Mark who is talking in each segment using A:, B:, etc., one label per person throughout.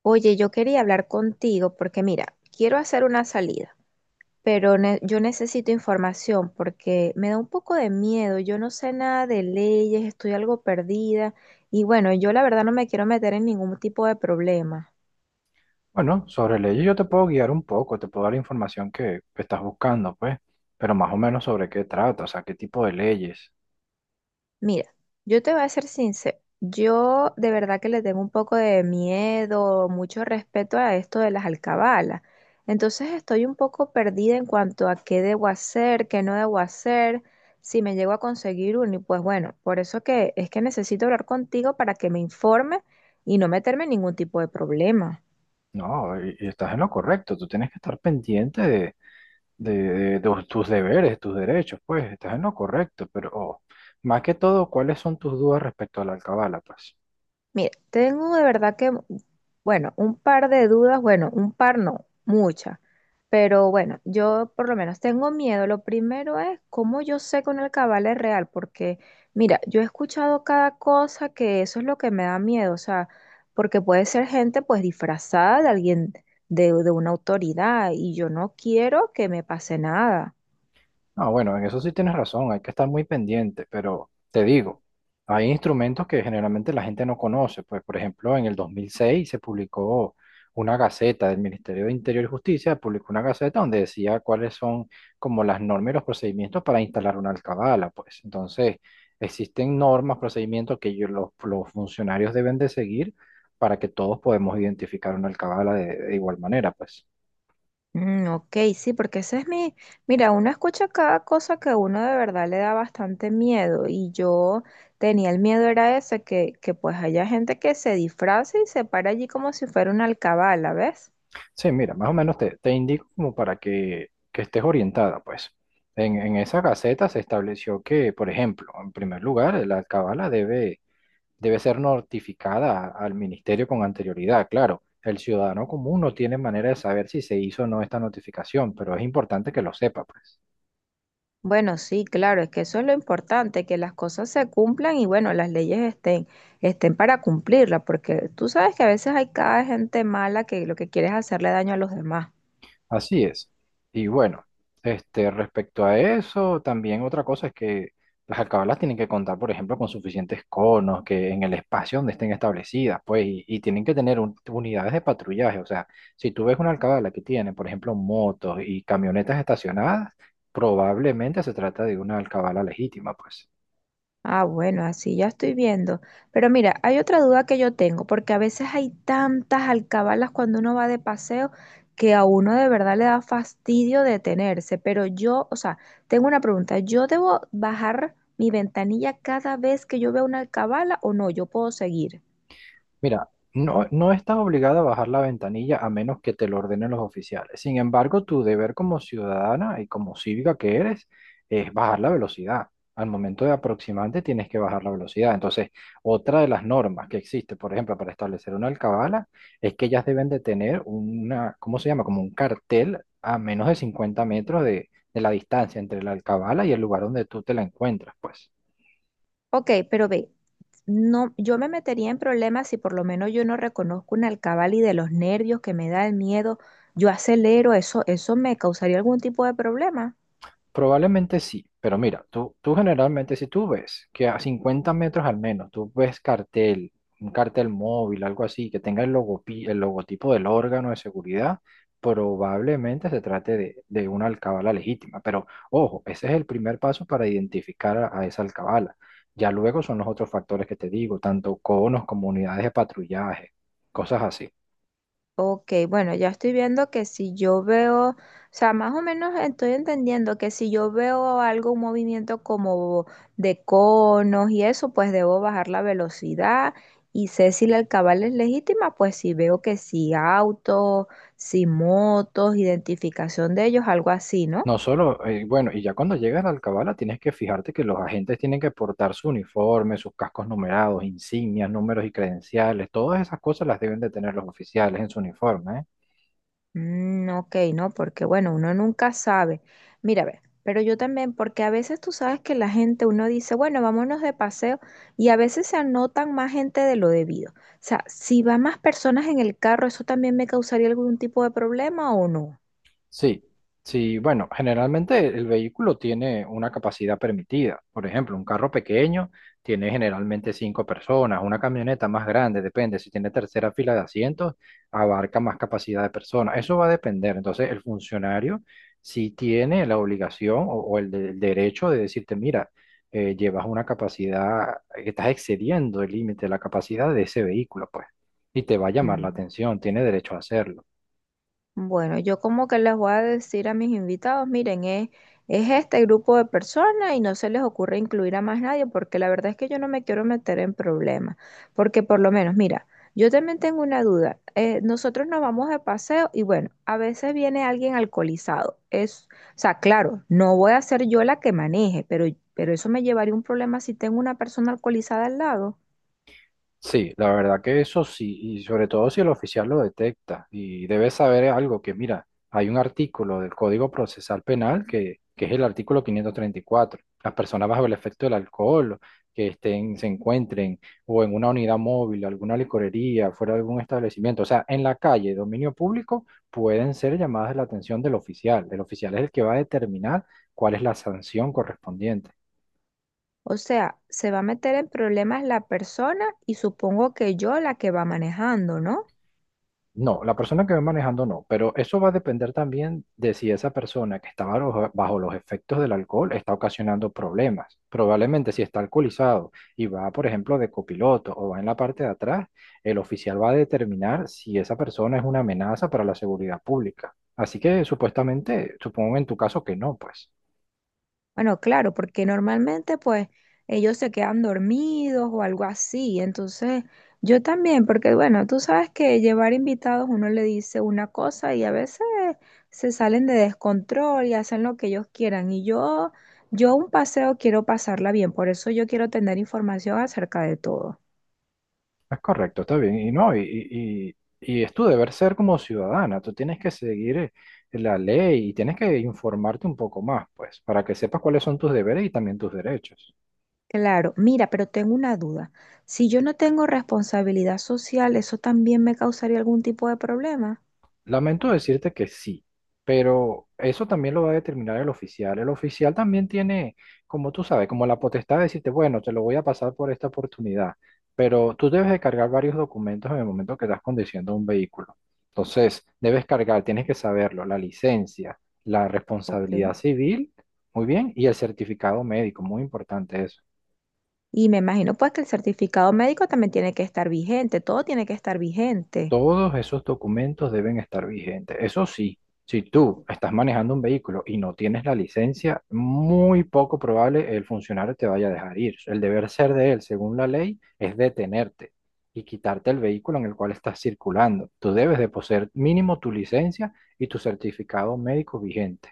A: Oye, yo quería hablar contigo porque mira, quiero hacer una salida, pero yo necesito información porque me da un poco de miedo, yo no sé nada de leyes, estoy algo perdida y bueno, yo la verdad no me quiero meter en ningún tipo de problema.
B: Bueno, sobre leyes yo te puedo guiar un poco, te puedo dar la información que estás buscando, pues, pero más o menos sobre qué trata, o sea, qué tipo de leyes.
A: Mira, yo te voy a ser sincero. Yo de verdad que le tengo un poco de miedo, mucho respeto a esto de las alcabalas. Entonces estoy un poco perdida en cuanto a qué debo hacer, qué no debo hacer, si me llego a conseguir uno. Y pues bueno, por eso que es que necesito hablar contigo para que me informe y no meterme en ningún tipo de problema.
B: No, y estás en lo correcto, tú tienes que estar pendiente de- de tus deberes, tus derechos, pues, estás en lo correcto, pero oh, más que todo, ¿cuáles son tus dudas respecto a la alcabala, pues?
A: Mira, tengo de verdad que, bueno, un par de dudas, bueno, un par no, muchas, pero bueno, yo por lo menos tengo miedo. Lo primero es cómo yo sé que un alcabala es real, porque mira, yo he escuchado cada cosa que eso es lo que me da miedo, o sea, porque puede ser gente pues disfrazada de alguien, de una autoridad, y yo no quiero que me pase nada.
B: Ah, bueno, en eso sí tienes razón, hay que estar muy pendiente, pero te digo, hay instrumentos que generalmente la gente no conoce, pues por ejemplo en el 2006 se publicó una gaceta del Ministerio de Interior y Justicia, publicó una gaceta donde decía cuáles son como las normas y los procedimientos para instalar una alcabala, pues entonces existen normas, procedimientos que los funcionarios deben de seguir para que todos podemos identificar una alcabala de igual manera, pues.
A: Mm, ok, sí, porque ese es mi, mira, uno escucha cada cosa que a uno de verdad le da bastante miedo y yo tenía el miedo era ese, que pues haya gente que se disfrace y se para allí como si fuera una alcabala, ¿ves?
B: Sí, mira, más o menos te indico como para que estés orientada, pues. En esa gaceta se estableció que, por ejemplo, en primer lugar, la cabala debe ser notificada al ministerio con anterioridad. Claro, el ciudadano común no tiene manera de saber si se hizo o no esta notificación, pero es importante que lo sepa, pues.
A: Bueno, sí, claro, es que eso es lo importante, que las cosas se cumplan y bueno, las leyes estén, estén para cumplirlas, porque tú sabes que a veces hay cada gente mala que lo que quiere es hacerle daño a los demás.
B: Así es. Y bueno, este, respecto a eso, también otra cosa es que las alcabalas tienen que contar, por ejemplo, con suficientes conos que en el espacio donde estén establecidas, pues, y, tienen que tener unidades de patrullaje. O sea, si tú ves una alcabala que tiene, por ejemplo, motos y camionetas estacionadas, probablemente se trata de una alcabala legítima, pues.
A: Ah, bueno, así ya estoy viendo. Pero mira, hay otra duda que yo tengo, porque a veces hay tantas alcabalas cuando uno va de paseo que a uno de verdad le da fastidio detenerse. Pero yo, o sea, tengo una pregunta, ¿yo debo bajar mi ventanilla cada vez que yo veo una alcabala o no? Yo puedo seguir.
B: Mira, no, no estás obligada a bajar la ventanilla a menos que te lo ordenen los oficiales. Sin embargo, tu deber como ciudadana y como cívica que eres es bajar la velocidad. Al momento de aproximarte tienes que bajar la velocidad. Entonces, otra de las normas que existe, por ejemplo, para establecer una alcabala, es que ellas deben de tener una, ¿cómo se llama? Como un cartel a menos de 50 metros de la distancia entre la alcabala y el lugar donde tú te la encuentras, pues.
A: Ok, pero ve, no, yo me metería en problemas si por lo menos yo no reconozco una alcabala y de los nervios que me da el miedo, yo acelero, eso me causaría algún tipo de problema.
B: Probablemente sí, pero mira, tú generalmente si tú ves que a 50 metros al menos, tú ves cartel, un cartel móvil, algo así, que tenga el el logotipo del órgano de seguridad, probablemente se trate de una alcabala legítima. Pero ojo, ese es el primer paso para identificar a esa alcabala. Ya luego son los otros factores que te digo, tanto conos como unidades de patrullaje, cosas así.
A: Ok, bueno, ya estoy viendo que si yo veo, o sea, más o menos estoy entendiendo que si yo veo algo, un movimiento como de conos y eso, pues debo bajar la velocidad y sé si la alcabala es legítima, pues si veo que si autos, si motos, identificación de ellos, algo así, ¿no?
B: No solo, bueno, y ya cuando llegas a la Alcabala tienes que fijarte que los agentes tienen que portar su uniforme, sus cascos numerados, insignias, números y credenciales, todas esas cosas las deben de tener los oficiales en su uniforme, ¿eh?
A: Mm, ok, no, porque bueno, uno nunca sabe. Mira, a ver, pero yo también, porque a veces tú sabes que la gente, uno dice, bueno, vámonos de paseo, y a veces se anotan más gente de lo debido. O sea, si van más personas en el carro, ¿eso también me causaría algún tipo de problema o no?
B: Sí, sí, bueno, generalmente el vehículo tiene una capacidad permitida. Por ejemplo, un carro pequeño tiene generalmente cinco personas, una camioneta más grande, depende, si tiene tercera fila de asientos, abarca más capacidad de personas. Eso va a depender. Entonces, el funcionario sí tiene la obligación o el derecho de decirte, mira, llevas una capacidad, estás excediendo el límite de la capacidad de ese vehículo, pues, y te va a llamar la
A: Mm.
B: atención, tiene derecho a hacerlo.
A: Bueno, yo como que les voy a decir a mis invitados, miren, es este grupo de personas y no se les ocurre incluir a más nadie, porque la verdad es que yo no me quiero meter en problemas, porque por lo menos, mira, yo también tengo una duda. Nosotros nos vamos de paseo y bueno, a veces viene alguien alcoholizado. Es, o sea, claro, no voy a ser yo la que maneje, pero eso me llevaría a un problema si tengo una persona alcoholizada al lado.
B: Sí, la verdad que eso sí, y sobre todo si el oficial lo detecta y debe saber algo que, mira, hay un artículo del Código Procesal Penal que es el artículo 534. Las personas bajo el efecto del alcohol que estén, se encuentren o en una unidad móvil, alguna licorería, fuera de algún establecimiento, o sea, en la calle, dominio público, pueden ser llamadas la atención del oficial. El oficial es el que va a determinar cuál es la sanción correspondiente.
A: O sea, se va a meter en problemas la persona y supongo que yo la que va manejando, ¿no?
B: No, la persona que va manejando no, pero eso va a depender también de si esa persona que está bajo los efectos del alcohol está ocasionando problemas. Probablemente si está alcoholizado y va, por ejemplo, de copiloto o va en la parte de atrás, el oficial va a determinar si esa persona es una amenaza para la seguridad pública. Así que supuestamente, supongo en tu caso que no, pues.
A: Bueno, claro, porque normalmente pues ellos se quedan dormidos o algo así. Entonces, yo también, porque bueno, tú sabes que llevar invitados uno le dice una cosa y a veces se salen de descontrol y hacen lo que ellos quieran. Yo un paseo quiero pasarla bien, por eso yo quiero tener información acerca de todo.
B: Es correcto, está bien. Y no, y es tu deber ser como ciudadana. Tú tienes que seguir la ley y tienes que informarte un poco más, pues, para que sepas cuáles son tus deberes y también tus derechos.
A: Claro, mira, pero tengo una duda. Si yo no tengo responsabilidad social, ¿eso también me causaría algún tipo de problema?
B: Lamento decirte que sí, pero eso también lo va a determinar el oficial. El oficial también tiene, como tú sabes, como la potestad de decirte, bueno, te lo voy a pasar por esta oportunidad, pero tú debes de cargar varios documentos en el momento que estás conduciendo un vehículo. Entonces, debes cargar, tienes que saberlo, la licencia, la responsabilidad
A: Ok.
B: civil, muy bien, y el certificado médico, muy importante eso.
A: Y me imagino pues que el certificado médico también tiene que estar vigente, todo tiene que estar vigente.
B: Todos esos documentos deben estar vigentes. Eso sí, si tú estás manejando un vehículo y no tienes la licencia, muy poco probable el funcionario te vaya a dejar ir. El deber ser de él, según la ley, es detenerte y quitarte el vehículo en el cual estás circulando. Tú debes de poseer mínimo tu licencia y tu certificado médico vigente.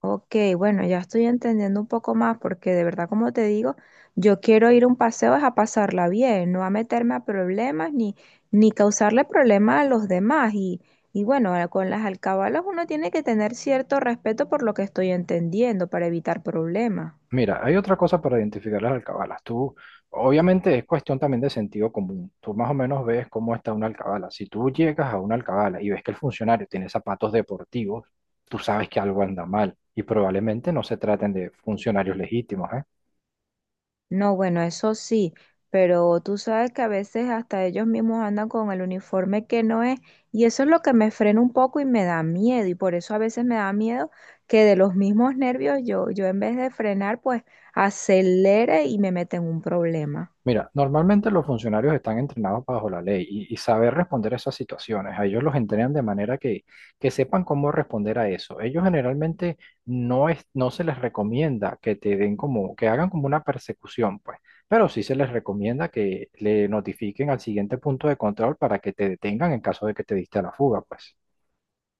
A: Ok, bueno, ya estoy entendiendo un poco más porque de verdad, como te digo, yo quiero ir a un paseo es a pasarla bien, no a meterme a problemas ni, ni causarle problemas a los demás. Y bueno, con las alcabalas uno tiene que tener cierto respeto por lo que estoy entendiendo para evitar problemas.
B: Mira, hay otra cosa para identificar las alcabalas. Tú, obviamente es cuestión también de sentido común. Tú más o menos ves cómo está una alcabala. Si tú llegas a una alcabala y ves que el funcionario tiene zapatos deportivos, tú sabes que algo anda mal y probablemente no se traten de funcionarios legítimos, ¿eh?
A: No, bueno, eso sí, pero tú sabes que a veces hasta ellos mismos andan con el uniforme que no es y eso es lo que me frena un poco y me da miedo y por eso a veces me da miedo que de los mismos nervios yo en vez de frenar pues acelere y me meta en un problema.
B: Mira, normalmente los funcionarios están entrenados bajo la ley y, saber responder a esas situaciones. A ellos los entrenan de manera que sepan cómo responder a eso. Ellos generalmente no es, no se les recomienda que te den como, que hagan como una persecución, pues, pero sí se les recomienda que le notifiquen al siguiente punto de control para que te detengan en caso de que te diste a la fuga, pues.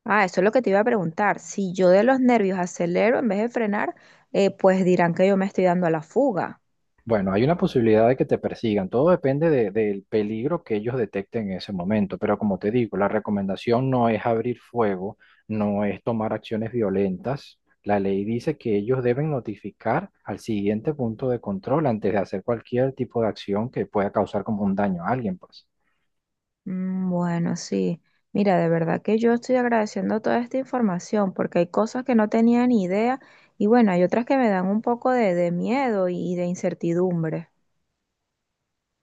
A: Ah, eso es lo que te iba a preguntar. Si yo de los nervios acelero en vez de frenar, pues dirán que yo me estoy dando a la fuga.
B: Bueno, hay una posibilidad de que te persigan. Todo depende del peligro que ellos detecten en ese momento. Pero como te digo, la recomendación no es abrir fuego, no es tomar acciones violentas. La ley dice que ellos deben notificar al siguiente punto de control antes de hacer cualquier tipo de acción que pueda causar como un daño a alguien, pues.
A: Mm, bueno, sí. Mira, de verdad que yo estoy agradeciendo toda esta información porque hay cosas que no tenía ni idea y bueno, hay otras que me dan un poco de miedo y de incertidumbre.